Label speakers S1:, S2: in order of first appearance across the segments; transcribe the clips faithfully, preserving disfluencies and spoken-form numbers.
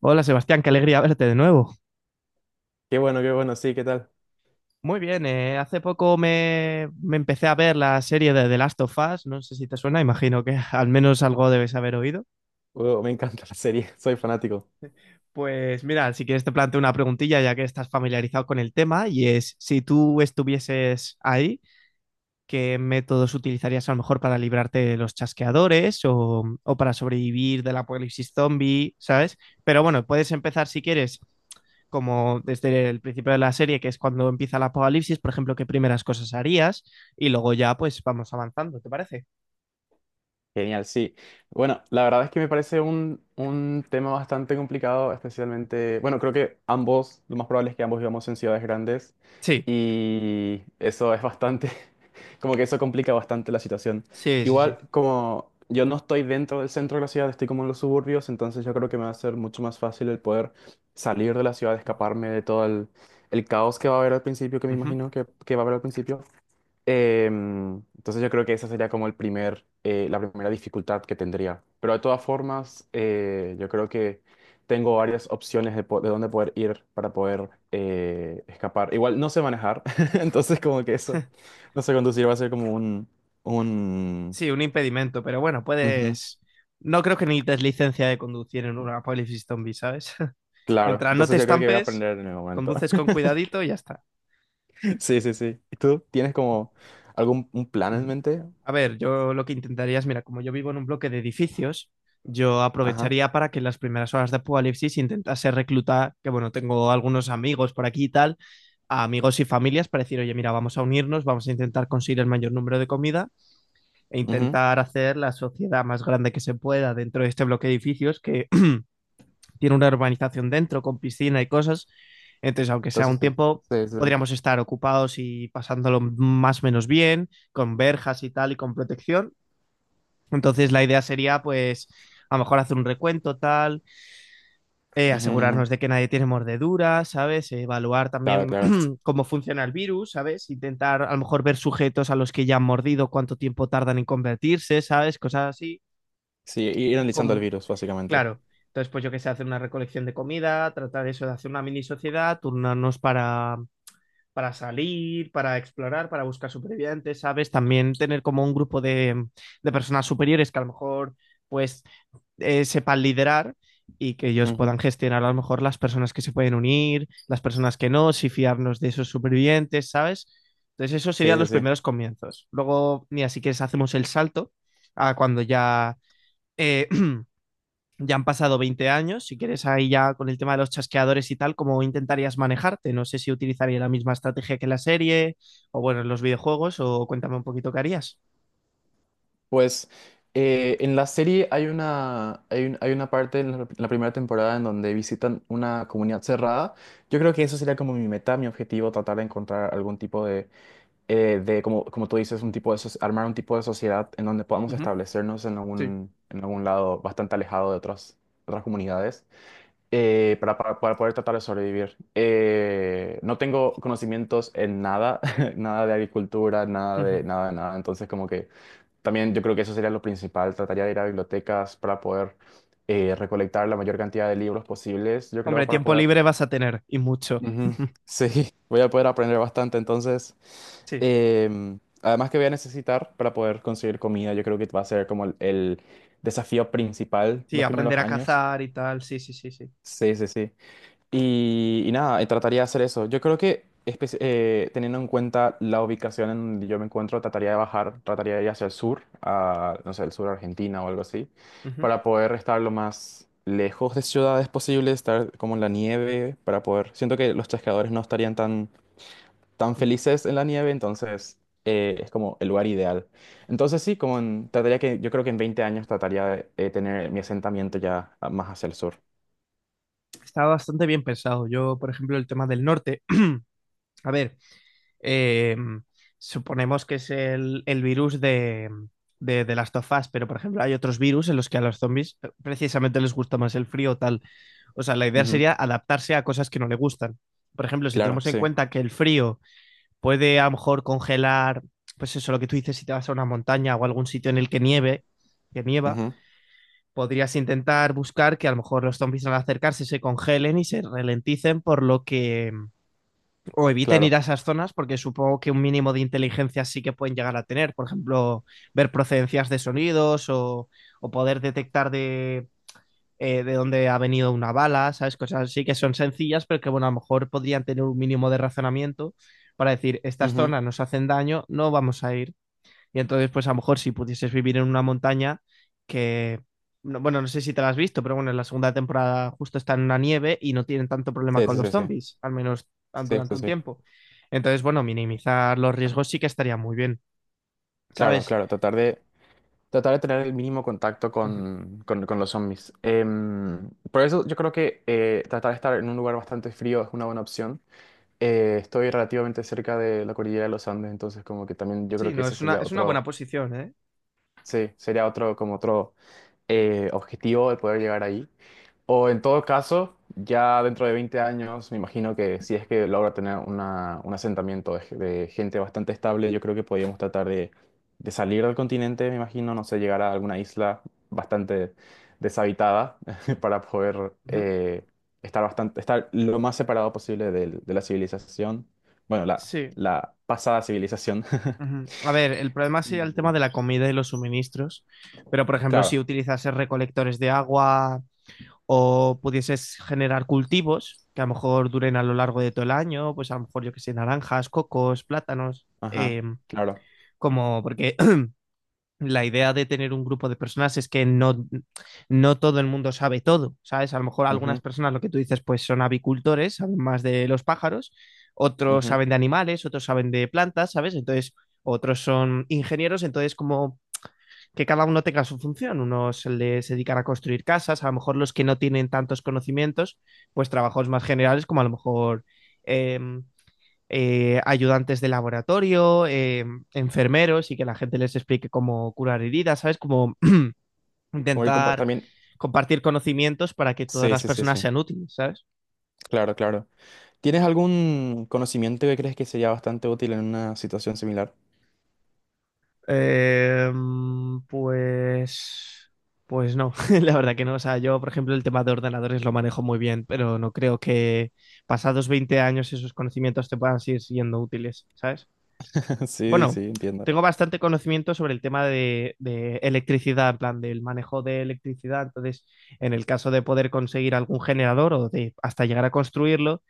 S1: Hola Sebastián, qué alegría verte de nuevo.
S2: Qué bueno, qué bueno, sí, ¿qué tal?
S1: Muy bien, eh, hace poco me, me empecé a ver la serie de The Last of Us, no sé si te suena, imagino que al menos algo debes haber oído.
S2: Wow, me encanta la serie, soy fanático.
S1: Pues mira, si quieres te planteo una preguntilla ya que estás familiarizado con el tema y es si tú estuvieses ahí, ¿qué métodos utilizarías a lo mejor para librarte de los chasqueadores o, o para sobrevivir del apocalipsis zombie, ¿sabes? Pero bueno, puedes empezar si quieres como desde el principio de la serie, que es cuando empieza el apocalipsis, por ejemplo, qué primeras cosas harías y luego ya pues vamos avanzando, ¿te parece?
S2: Genial, sí. Bueno, la verdad es que me parece un, un tema bastante complicado, especialmente, bueno, creo que ambos, lo más probable es que ambos vivamos en ciudades grandes
S1: Sí,
S2: y eso es bastante, como que eso complica bastante la situación.
S1: sí, sí, sí.
S2: Igual, como yo no estoy dentro del centro de la ciudad, estoy como en los suburbios, entonces yo creo que me va a ser mucho más fácil el poder salir de la ciudad, escaparme de todo el, el caos que va a haber al principio, que me
S1: Ujú.
S2: imagino que, que va a haber al principio. Em, entonces yo creo que esa sería como el primer, eh, la primera dificultad que tendría. Pero de todas formas, eh, yo creo que tengo varias opciones de, po- de dónde poder ir para poder eh, escapar. Igual no sé manejar, entonces como que eso, no sé conducir, va a ser como un, un...
S1: Sí, un impedimento, pero bueno,
S2: ujú,
S1: puedes... No creo que necesites licencia de conducir en un apocalipsis zombie, ¿sabes?
S2: claro,
S1: Mientras no te
S2: entonces yo creo que voy a
S1: estampes,
S2: aprender en el momento.
S1: conduces con cuidadito y ya está.
S2: Sí, sí, sí. ¿Y tú tienes como algún un plan en
S1: Ujú.
S2: mente?
S1: A ver, yo lo que intentaría es, mira, como yo vivo en un bloque de edificios, yo
S2: Ajá.
S1: aprovecharía para que en las primeras horas de Apocalipsis intentase reclutar, que bueno, tengo algunos amigos por aquí y tal, a amigos y familias para decir, oye, mira, vamos a unirnos, vamos a intentar conseguir el mayor número de comida e
S2: Ujú.
S1: intentar hacer la sociedad más grande que se pueda dentro de este bloque de edificios que tiene una urbanización dentro con piscina y cosas. Entonces, aunque sea
S2: Entonces,
S1: un
S2: sí,
S1: tiempo,
S2: sí, sí.
S1: podríamos estar ocupados y pasándolo más o menos bien, con verjas y tal y con protección, entonces la idea sería pues a lo mejor hacer un recuento tal, eh,
S2: Ujú,
S1: asegurarnos
S2: ujú.
S1: de que nadie tiene mordeduras, ¿sabes? Evaluar
S2: Claro,
S1: también
S2: claro.
S1: cómo funciona el virus, ¿sabes? Intentar a lo mejor ver sujetos a los que ya han mordido, cuánto tiempo tardan en convertirse, ¿sabes? Cosas así.
S2: Sí, ir analizando el
S1: Como...
S2: virus, básicamente.
S1: Claro. Entonces, pues yo que sé, hacer una recolección de comida, tratar eso de hacer una mini sociedad, turnarnos para para salir, para explorar, para buscar supervivientes, ¿sabes? También tener como un grupo de, de personas superiores que a lo mejor pues eh, sepan liderar y que ellos
S2: Ujú.
S1: puedan gestionar a lo mejor las personas que se pueden unir, las personas que no, si fiarnos de esos supervivientes, ¿sabes? Entonces esos
S2: Sí,
S1: serían
S2: sí,
S1: los
S2: sí.
S1: primeros comienzos. Luego, mira, si quieres hacemos el salto a cuando ya eh, ya han pasado veinte años, si quieres ahí ya con el tema de los chasqueadores y tal, ¿cómo intentarías manejarte? No sé si utilizaría la misma estrategia que la serie o bueno, en los videojuegos o cuéntame un poquito qué harías.
S2: Pues eh, en la serie hay una, hay un- hay una parte en la, en la primera temporada en donde visitan una comunidad cerrada. Yo creo que eso sería como mi meta, mi objetivo, tratar de encontrar algún tipo de, eh, de como, como tú dices, un tipo de, soci- armar un tipo de sociedad en donde podamos
S1: Ujú.
S2: establecernos en
S1: Sí.
S2: algún, en algún lado bastante alejado de otras, otras comunidades. Eh, para, para- para poder tratar de sobrevivir. Eh, no tengo conocimientos en nada, nada de agricultura, nada
S1: Ujú.
S2: de nada de nada. Entonces, como que también yo creo que eso sería lo principal. Trataría de ir a bibliotecas para poder eh, recolectar la mayor cantidad de libros posibles, yo
S1: Hombre,
S2: creo, para
S1: tiempo
S2: poder...
S1: libre vas a tener y mucho.
S2: Ujú, sí, voy a poder aprender bastante. Entonces,
S1: Sí,
S2: em, además que voy a necesitar para poder conseguir comida, yo creo que va a ser como el el desafío principal
S1: sí,
S2: los
S1: aprender
S2: primeros
S1: a
S2: años.
S1: cazar y tal, sí, sí, sí, sí.
S2: Sí, sí, sí. Y, y nada, eh, trataría de hacer eso. Yo creo que espe- eh, teniendo en cuenta la ubicación en donde yo me encuentro, trataría de bajar, trataría de ir hacia el sur, a, no sé, el sur de Argentina o algo así,
S1: Ujú.
S2: para poder estar lo más lejos de ciudades posible, estar como en la nieve, para poder... Siento que los chasqueadores no estarían tan, tan felices en la nieve, entonces eh, es como el lugar ideal. Entonces sí, como en- trataría que, yo creo que en veinte años trataría de eh, tener mi asentamiento ya ah, más hacia el sur.
S1: Está bastante bien pensado. Yo, por ejemplo, el tema del norte. A ver, eh, suponemos que es el, el virus de, de, de Last of Us, pero por ejemplo hay otros virus en los que a los zombies eh, precisamente les gusta más el frío o tal. O sea, la idea
S2: Ujú,
S1: sería adaptarse a cosas que no le gustan. Por ejemplo, si
S2: claro,
S1: tenemos en
S2: sí.
S1: cuenta que el frío puede a lo mejor congelar, pues eso, lo que tú dices, si te vas a una montaña o a algún sitio en el que nieve, que nieva, podrías intentar buscar que a lo mejor los zombies al acercarse se congelen y se ralenticen, por lo que o eviten
S2: Claro.
S1: ir a esas zonas porque supongo que un mínimo de inteligencia sí que pueden llegar a tener. Por ejemplo, ver procedencias de sonidos o, o poder detectar de, eh, de dónde ha venido una bala, ¿sabes? Cosas así que son sencillas, pero que bueno, a lo mejor podrían tener un mínimo de razonamiento para decir, estas
S2: Ujú.
S1: zonas nos hacen daño, no vamos a ir. Y entonces, pues a lo mejor si pudieses vivir en una montaña que, no- bueno, no sé si te la has visto, pero bueno, en la segunda temporada justo está en una nieve y no tienen tanto problema
S2: Sí,
S1: con
S2: sí,
S1: los
S2: sí, sí.
S1: zombies, al menos tan-
S2: Sí,
S1: durante
S2: sí,
S1: un
S2: sí.
S1: tiempo. Entonces, bueno, minimizar los riesgos sí que estaría muy bien,
S2: Claro,
S1: ¿sabes?
S2: claro. Tratar de, tratar de tener el mínimo contacto
S1: Ujú.
S2: con, con- con los zombies. Em, por eso yo creo que eh, tratar de estar en un lugar bastante frío es una buena opción. Eh, estoy relativamente cerca de la cordillera de los Andes, entonces como que también yo creo
S1: Sí,
S2: que
S1: no,
S2: ese
S1: es una,
S2: sería
S1: es una buena
S2: otro,
S1: posición, ¿eh?
S2: sí, sería otro, como otro eh, objetivo de poder llegar ahí. O en todo caso, ya dentro de veinte años, me imagino que si es que logra tener una- un asentamiento de, ge- de gente bastante estable, yo creo que podríamos tratar de, de salir del continente, me imagino, no sé, llegar a alguna isla bastante deshabitada para poder
S1: Ujú.
S2: eh, estar bastante, estar lo más separado posible del- de, la civilización, bueno, la,
S1: Sí.
S2: la pasada civilización.
S1: Ujú. A ver, el problema sería el tema
S2: Mm.
S1: de la comida y los suministros, pero por ejemplo, si
S2: Claro,
S1: utilizases recolectores de agua, o pudieses generar cultivos que a lo mejor duren a lo largo de todo el año, pues a lo mejor yo que sé, naranjas, cocos, plátanos,
S2: ajá,
S1: eh,
S2: claro.
S1: como porque la idea de tener un grupo de personas es que no, no todo el mundo sabe todo, ¿sabes? A lo mejor algunas
S2: Ujú,
S1: personas, lo que tú dices, pues son avicultores, saben más de los pájaros, otros
S2: ujú.
S1: saben de animales, otros saben de plantas, ¿sabes? Entonces, otros son ingenieros, entonces como que cada uno tenga su función. Unos les dedican a construir casas, a lo mejor los que no tienen tantos conocimientos, pues trabajos más generales como a lo mejor em, eh, ayudantes de laboratorio, em, enfermeros y que la gente les explique cómo curar heridas, ¿sabes? Como
S2: Como ir compar-
S1: intentar
S2: También,
S1: compartir conocimientos para que todas
S2: sí,
S1: las
S2: sí, sí,
S1: personas
S2: sí,
S1: sean útiles, ¿sabes?
S2: claro, claro. ¿Tienes algún conocimiento que crees que sería bastante útil en una situación similar?
S1: Eh, mm, pues, pues no, la verdad que no. O sea, yo, por ejemplo, el tema de ordenadores lo manejo muy bien, pero no creo que pasados veinte años esos conocimientos te puedan seguir siendo útiles, ¿sabes?
S2: Sí, sí,
S1: Bueno,
S2: entiendo.
S1: tengo bastante conocimiento sobre el tema de, de electricidad, en plan del manejo de electricidad. Entonces, en el caso de poder conseguir algún generador o de hasta llegar a construirlo,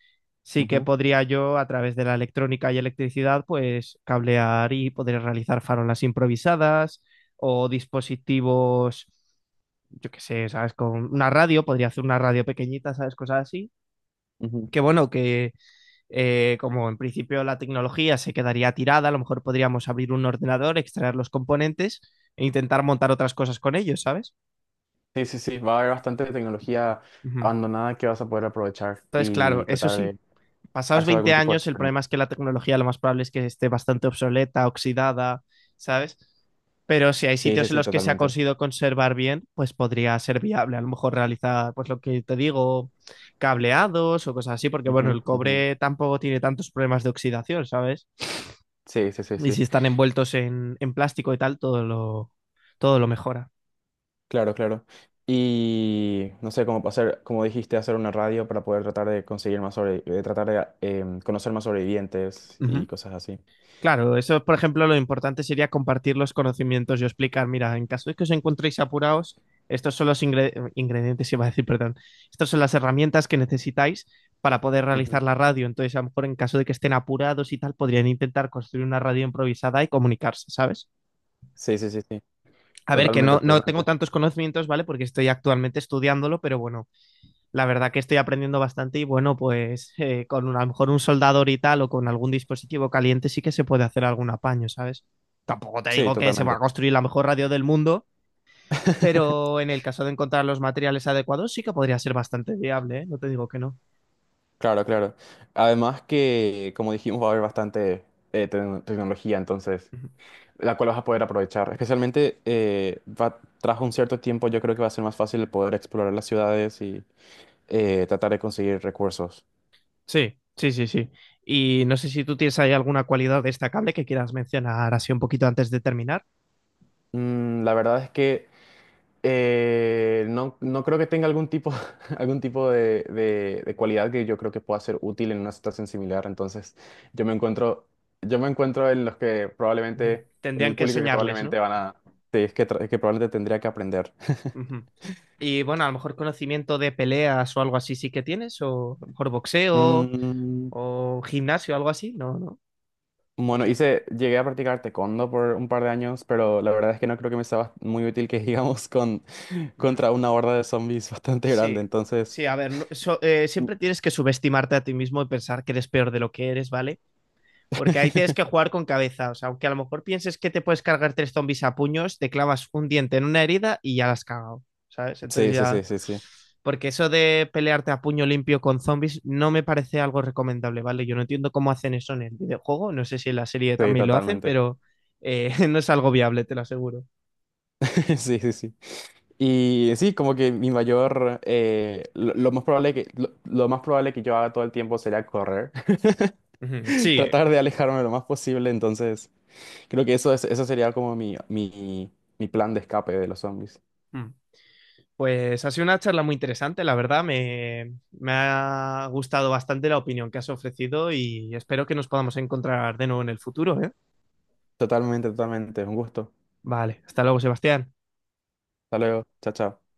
S1: sí que
S2: Ujú,
S1: podría yo, a través de la electrónica y electricidad, pues cablear y poder realizar farolas improvisadas o dispositivos. Yo qué sé, ¿sabes? Con una radio, podría hacer una radio pequeñita, ¿sabes? Cosas así.
S2: ujú.
S1: Que bueno, que, eh, como en principio la tecnología se quedaría tirada, a lo mejor podríamos abrir un ordenador, extraer los componentes e intentar montar otras cosas con ellos, ¿sabes?
S2: Sí, sí, sí, va a haber bastante tecnología
S1: Ujú.
S2: abandonada que vas a poder aprovechar
S1: Entonces, claro,
S2: y
S1: eso
S2: tratar
S1: sí,
S2: de
S1: pasados
S2: hacer algún
S1: veinte
S2: tipo de
S1: años, el
S2: experimento.
S1: problema es que la tecnología lo más probable es que esté bastante obsoleta, oxidada, ¿sabes? Pero si hay
S2: Sí, sí,
S1: sitios en
S2: sí,
S1: los que se ha
S2: totalmente.
S1: conseguido conservar bien, pues podría ser viable. A lo mejor realizar, pues lo que te digo, cableados o cosas así, porque bueno,
S2: Ujú,
S1: el
S2: ujú.
S1: cobre tampoco tiene tantos problemas de oxidación, ¿sabes?
S2: Sí, sí, sí,
S1: Y si
S2: sí.
S1: están envueltos en, en plástico y tal, todo lo, todo lo mejora.
S2: Claro, claro. Y no sé, cómo hacer, como dijiste, hacer una radio para poder tratar de conseguir más sobre, de tratar de em, conocer más sobrevivientes y
S1: Ujú.
S2: cosas así.
S1: Claro, eso, por ejemplo, lo importante sería compartir los conocimientos y explicar, mira, en caso de que os encontréis apurados, estos son los ingre- eh, ingredientes, iba a decir, perdón, estas son las herramientas que necesitáis para poder
S2: Ujú.
S1: realizar la radio. Entonces, a lo mejor en caso de que estén apurados y tal, podrían intentar construir una radio improvisada y comunicarse, ¿sabes?
S2: Sí, sí, sí, sí.
S1: A ver, que
S2: Totalmente,
S1: no, no tengo
S2: totalmente.
S1: tantos conocimientos, ¿vale? Porque estoy actualmente estudiándolo, pero bueno, la verdad que estoy aprendiendo bastante y bueno, pues eh, con un- a lo mejor un soldador y tal o con algún dispositivo caliente sí que se puede hacer algún apaño, ¿sabes? Tampoco te
S2: Sí,
S1: digo que se va
S2: totalmente.
S1: a construir la mejor radio del mundo, pero en el caso de encontrar los materiales adecuados sí que podría ser bastante viable, ¿eh? No te digo que no.
S2: Claro, claro. Además que, como dijimos, va a haber bastante eh, tecno- tecnología, entonces,
S1: Ujú.
S2: la cual vas a poder aprovechar. Especialmente, eh, va, tras un cierto tiempo, yo creo que va a ser más fácil el poder explorar las ciudades y eh, tratar de conseguir recursos.
S1: Sí, sí, sí, sí. Y no sé si tú tienes ahí alguna cualidad destacable que quieras mencionar así un poquito antes de terminar.
S2: Mm, la verdad es que Eh, no, no creo que tenga algún tipo, algún tipo de, de- de cualidad que yo creo que pueda ser útil en una situación similar. Entonces, yo me encuentro, yo me encuentro en los que
S1: Ujú.
S2: probablemente, en
S1: Tendrían
S2: el
S1: que
S2: público que
S1: enseñarles,
S2: probablemente
S1: ¿no?
S2: van a, sí, es que, tra- que probablemente tendría que aprender.
S1: Uh -huh. Y bueno, a lo mejor conocimiento de peleas o algo así sí que tienes, o a lo mejor boxeo
S2: Mm,
S1: o gimnasio, algo así, no, no.
S2: bueno,
S1: Así.
S2: hice, llegué a practicar taekwondo por un par de años, pero la verdad es que no creo que me sea muy útil que digamos con,
S1: Mm.
S2: contra una horda de zombies bastante grande.
S1: Sí,
S2: Entonces,
S1: sí, a ver, no- so- eh, siempre tienes que subestimarte a ti mismo y pensar que eres peor de lo que eres, ¿vale? Porque ahí tienes que jugar con cabeza, o sea, aunque a lo mejor pienses que te puedes cargar tres zombies a puños, te clavas un diente en una herida y ya la has cagado, ¿sabes? Entonces
S2: sí, sí, sí,
S1: ya.
S2: sí, sí,
S1: Porque eso de pelearte a puño limpio con zombies no me parece algo recomendable, ¿vale? Yo no entiendo cómo hacen eso en el videojuego, no sé si en la serie
S2: sí,
S1: también lo hacen,
S2: totalmente.
S1: pero eh, no es algo viable, te lo aseguro.
S2: Sí, sí, sí. Y sí, como que mi mayor, eh, lo, lo más probable que, lo, lo más probable que yo haga todo el tiempo sería correr,
S1: Ujú. Sí.
S2: tratar de alejarme lo más posible, entonces creo que eso es, eso sería como mi, mi, mi plan de escape de los zombies.
S1: Mm. Pues ha sido una charla muy interesante, la verdad, me, me ha gustado bastante la opinión que has ofrecido y espero que nos podamos encontrar de nuevo en el futuro, ¿eh?
S2: Totalmente, totalmente, un gusto.
S1: Vale, hasta luego, Sebastián.
S2: Hasta luego, chao, chao.